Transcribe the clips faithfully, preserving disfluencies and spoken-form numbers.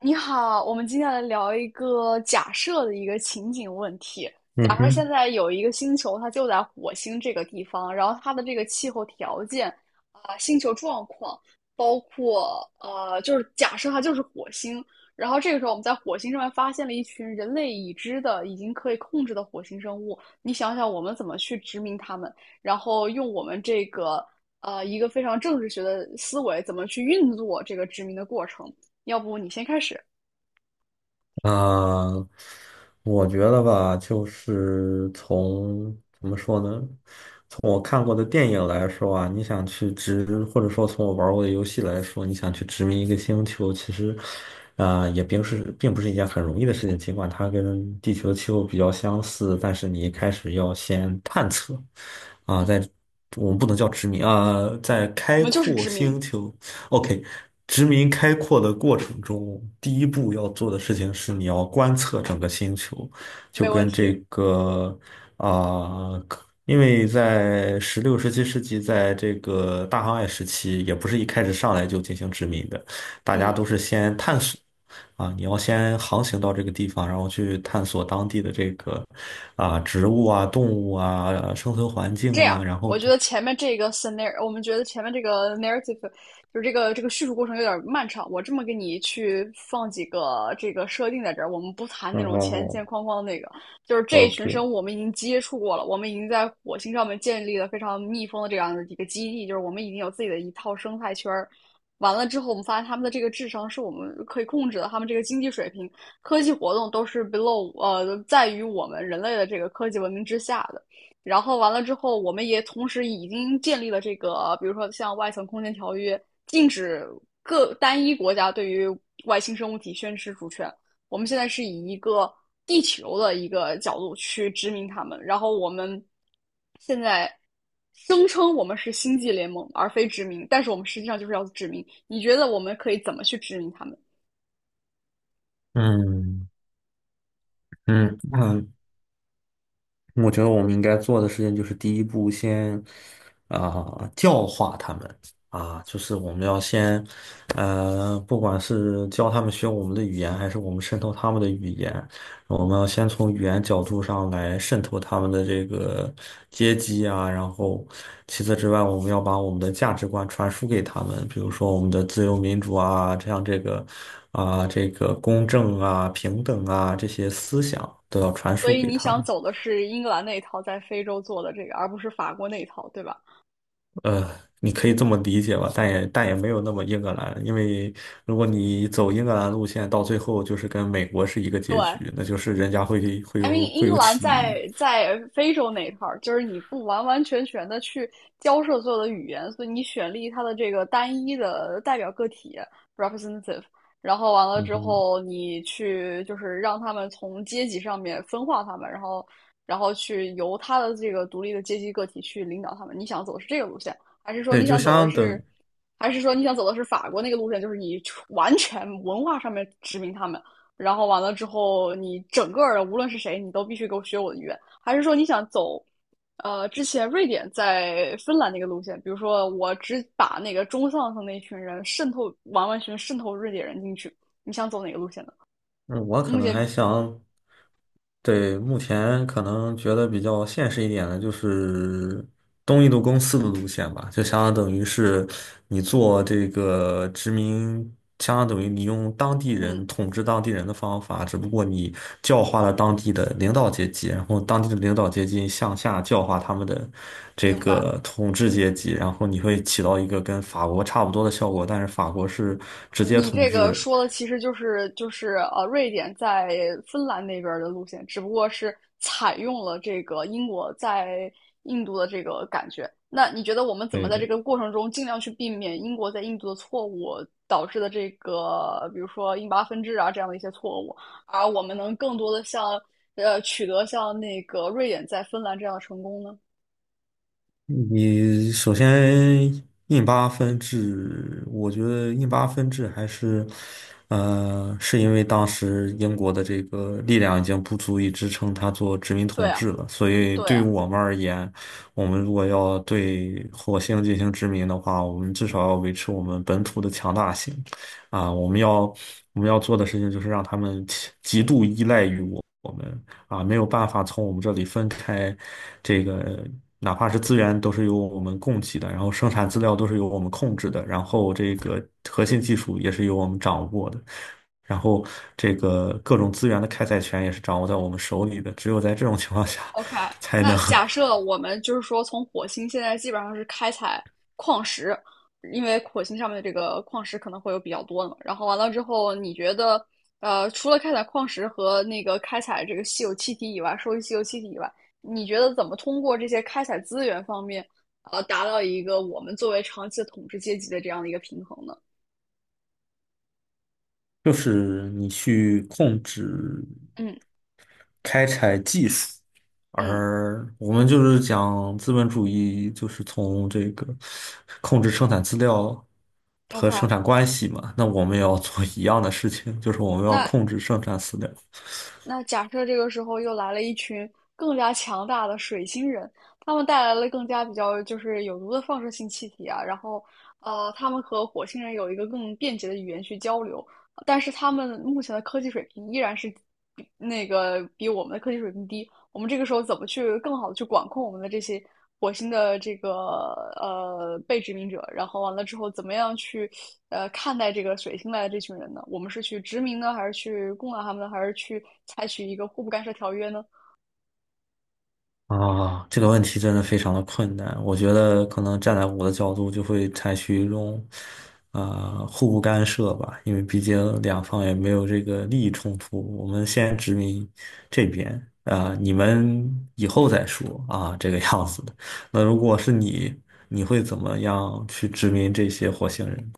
你好，我们今天来聊一个假设的一个情景问题。嗯假设现哼。在有一个星球，它就在火星这个地方，然后它的这个气候条件啊、星球状况，包括呃，就是假设它就是火星。然后这个时候，我们在火星上面发现了一群人类已知的、已经可以控制的火星生物。你想想，我们怎么去殖民它们？然后用我们这个呃一个非常政治学的思维，怎么去运作这个殖民的过程？要不你先开始？啊、我觉得吧，就是从怎么说呢，从我看过的电影来说啊，你想去殖，或者说从我玩过的游戏来说，你想去殖民一个星球，其实，啊、也并是并不是一件很容易的事情。尽管它跟地球的气候比较相似，但是你一开始要先探测，啊、嗯，在我们不能叫殖民啊、在我开们就是阔知名，星球。OK，殖民开阔的过程中，第一步要做的事情是你要观测整个星球，就没问跟题。这个啊、可因为在十六、十七世纪，在这个大航海时期，也不是一开始上来就进行殖民的，大家嗯，都是先探索啊，你要先航行到这个地方，然后去探索当地的这个啊植物啊、动物啊、生存环境这样，啊，然我后。觉得前面这个 scenario，我们觉得前面这个 narrative，就是这个这个叙述过程有点漫长。我这么给你去放几个这个设定在这儿，我们不谈那嗯，嗯种前前嗯。 框框的那个，就是这一 o k。 群生物我们已经接触过了，我们已经在火星上面建立了非常密封的这样的一个基地，就是我们已经有自己的一套生态圈儿。完了之后，我们发现他们的这个智商是我们可以控制的，他们这个经济水平、科技活动都是 below 呃，在于我们人类的这个科技文明之下的。然后完了之后，我们也同时已经建立了这个，比如说像外层空间条约，禁止各单一国家对于外星生物体宣示主权。我们现在是以一个地球的一个角度去殖民他们，然后我们现在声称我们是星际联盟而非殖民，但是我们实际上就是要殖民。你觉得我们可以怎么去殖民他们？嗯嗯嗯。我觉得我们应该做的事情就是第一步先，啊、教化他们啊，就是我们要先，呃，不管是教他们学我们的语言，还是我们渗透他们的语言，我们要先从语言角度上来渗透他们的这个阶级啊，然后其次之外，我们要把我们的价值观传输给他们，比如说我们的自由民主啊，这样这个啊、这个公正啊、平等啊这些思想都要传所输以给你他想们。走的是英格兰那一套在非洲做的这个，而不是法国那一套，对吧？呃，你可以这么理解吧，但也但也没有那么英格兰，因为如果你走英格兰路线，到最后就是跟美国是一个结对，局，那就是人家会会 I mean，有英会格有兰起义。在在非洲那一块儿，就是你不完完全全的去交涉所有的语言，所以你选立他的这个单一的代表个体 representative，然后完了嗯之哼。后，你去就是让他们从阶级上面分化他们，然后然后去由他的这个独立的阶级个体去领导他们。你想走的是这个路线，还是说对，你就想走的相是，等。还是说你想走的是法国那个路线，就是你完全文化上面殖民他们？然后完了之后，你整个的无论是谁，你都必须给我学我的语言，还是说你想走，呃，之前瑞典在芬兰那个路线，比如说我只把那个中上层那群人渗透完完全渗透瑞典人进去，你想走哪个路线呢？嗯，我可目能前，还想。对，目前可能觉得比较现实一点的就是东印度公司的路线吧，就相当等于是你做这个殖民，相当等于你用当地人嗯，统治当地人的方法，只不过你教化了当地的领导阶级，然后当地的领导阶级向下教化他们的这明白。个统治阶级，然后你会起到一个跟法国差不多的效果，但是法国是直接你统这个治。说的其实就是就是呃，瑞典在芬兰那边的路线，只不过是采用了这个英国在印度的这个感觉。那你觉得我们怎么对在这对。个过程中尽量去避免英国在印度的错误导致的这个，比如说印巴分治啊这样的一些错误，而我们能更多的像呃取得像那个瑞典在芬兰这样的成功呢？你首先印巴分治，我觉得印巴分治还是，呃，是因为当时英国的这个力量已经不足以支撑它做殖民对统啊，治了，所以对对于啊。我们而言，我们如果要对火星进行殖民的话，我们至少要维持我们本土的强大性，啊，我们要我们要做的事情就是让他们极度依赖于。啊，没有办法从我们这里分开，这个哪怕是资源都是由我们供给的，然后生产资料都是由我们控制的，然后这个核心技术也是由我们掌握的，然后这个各种资源的开采权也是掌握在我们手里的，只有在这种情况下，OK，才能 那假设我们就是说，从火星现在基本上是开采矿石，因为火星上面的这个矿石可能会有比较多的嘛。然后完了之后，你觉得，呃，除了开采矿石和那个开采这个稀有气体以外，收集稀有气体以外，你觉得怎么通过这些开采资源方面，呃，达到一个我们作为长期的统治阶级的这样的一个平衡呢？就是你去控制。嗯开采技术，嗯而我们就是讲资本主义，就是从这个控制生产资料和，OK，生产关系嘛。那我们也要做一样的事情，就是我们要那控制生产资料。那假设这个时候又来了一群更加强大的水星人，他们带来了更加比较就是有毒的放射性气体啊，然后呃，他们和火星人有一个更便捷的语言去交流，但是他们目前的科技水平依然是比那个比我们的科技水平低，我们这个时候怎么去更好的去管控我们的这些火星的这个呃被殖民者？然后完了之后，怎么样去呃看待这个水星来的这群人呢？我们是去殖民呢，还是去攻打他们呢，还是去采取一个互不干涉条约呢？啊，这个问题真的非常的困难。我觉得可能站在我的角度，就会采取一种啊、呃互不干涉吧，因为毕竟两方也没有这个利益冲突。我们先殖民这边啊、你们以后再说啊，这个样子的。那如果是你，你会怎么样去殖民这些火星人？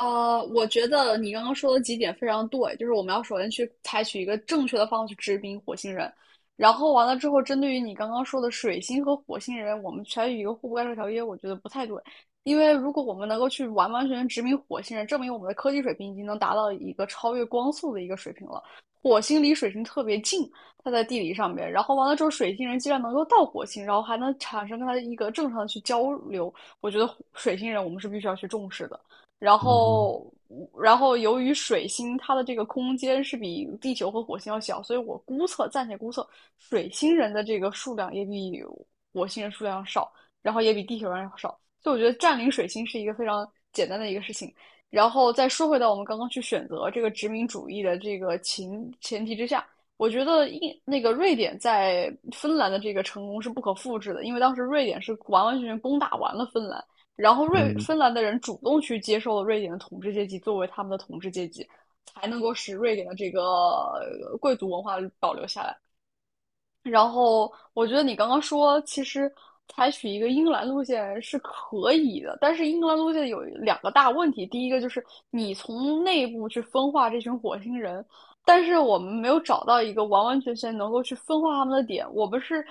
呃，我觉得你刚刚说的几点非常对，就是我们要首先去采取一个正确的方法去治病火星人，然后完了之后，针对于你刚刚说的水星和火星人，我们采取一个互不干涉条约，我觉得不太对，因为如果我们能够去完完全全殖民火星人，证明我们的科技水平已经能达到一个超越光速的一个水平了。火星离水星特别近，它在地理上面，然后完了之后，水星人既然能够到火星，然后还能产生跟它一个正常的去交流，我觉得火水星人我们是必须要去重视的。然嗯后，然后由于水星它的这个空间是比地球和火星要小，所以我估测，暂且估测，水星人的这个数量也比火星人数量要少，然后也比地球人要少。所以我觉得占领水星是一个非常简单的一个事情。然后再说回到我们刚刚去选择这个殖民主义的这个前前提之下，我觉得印那个瑞典在芬兰的这个成功是不可复制的，因为当时瑞典是完完全全攻打完了芬兰。然后瑞嗯。芬兰的人主动去接受了瑞典的统治阶级作为他们的统治阶级，才能够使瑞典的这个呃贵族文化保留下来。然后我觉得你刚刚说，其实采取一个英格兰路线是可以的，但是英格兰路线有两个大问题。第一个就是你从内部去分化这群火星人，但是我们没有找到一个完完全全能够去分化他们的点。我们是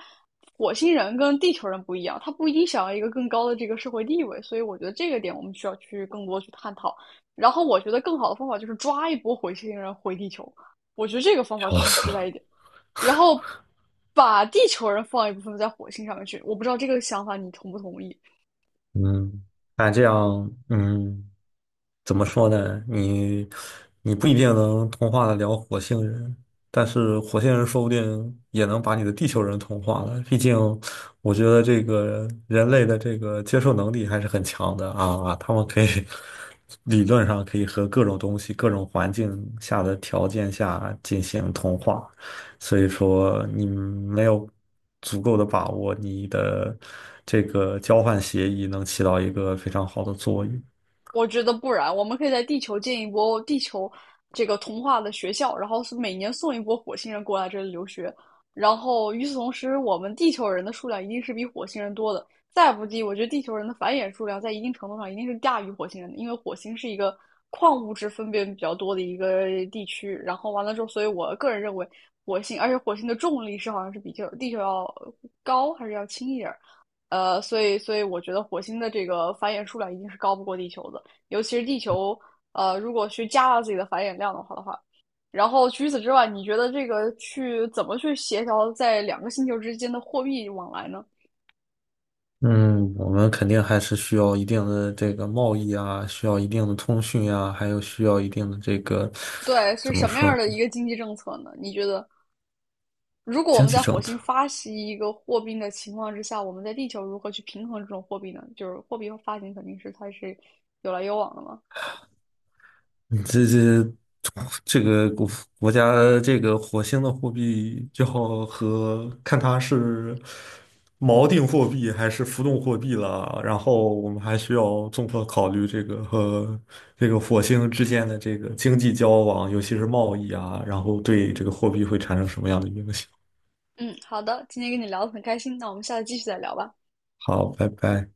火星人跟地球人不一样，他不一定想要一个更高的这个社会地位，所以我觉得这个点我们需要去更多去探讨。然后我觉得更好的方法就是抓一波火星人回地球，我觉得这个方法笑更 死实在一了。点。然后把地球人放一部分在火星上面去。我不知道这个想法你同不同意。嗯，那这样，嗯。怎么说呢？你你不一定能同化得了火星人，但是火星人说不定也能把你的地球人同化了。毕竟，我觉得这个人类的这个接受能力还是很强的啊，啊他们可以 理论上可以和各种东西、各种环境下的条件下进行同化。所以说，你没有足够的把握，你的这个交换协议能起到一个非常好的作用。我觉得不然，我们可以在地球建一波地球这个童话的学校，然后是每年送一波火星人过来这里留学。然后与此同时，我们地球人的数量一定是比火星人多的。再不济，我觉得地球人的繁衍数量在一定程度上一定是大于火星人的，因为火星是一个矿物质分辨比较多的一个地区。然后完了之后，所以我个人认为火星，而且火星的重力是好像是比较地球要高还是要轻一点呃，所以所以我觉得火星的这个繁衍数量一定是高不过地球的。尤其是地球，呃，如果去加大自己的繁衍量的话的话，然后除此之外，你觉得这个去怎么去协调在两个星球之间的货币往来呢？嗯，我们肯定还是需要一定的这个贸易啊，需要一定的通讯啊，还有需要一定的这个对，是怎么什么说样的呢一个经济政策呢？你觉得，如果我经们济在火政星策。发行一个货币的情况之下，我们在地球如何去平衡这种货币呢？就是货币发行肯定是它是有来有往的嘛。你这这这个国国家这个火星的货币就好和看它是锚定货币还是浮动货币了。然后我们还需要综合考虑这个和这个火星之间的这个经济交往，尤其是贸易啊，然后对这个货币会产生什么样的影响。嗯，好的，今天跟你聊得很开心，那我们下次继续再聊吧。好，拜拜。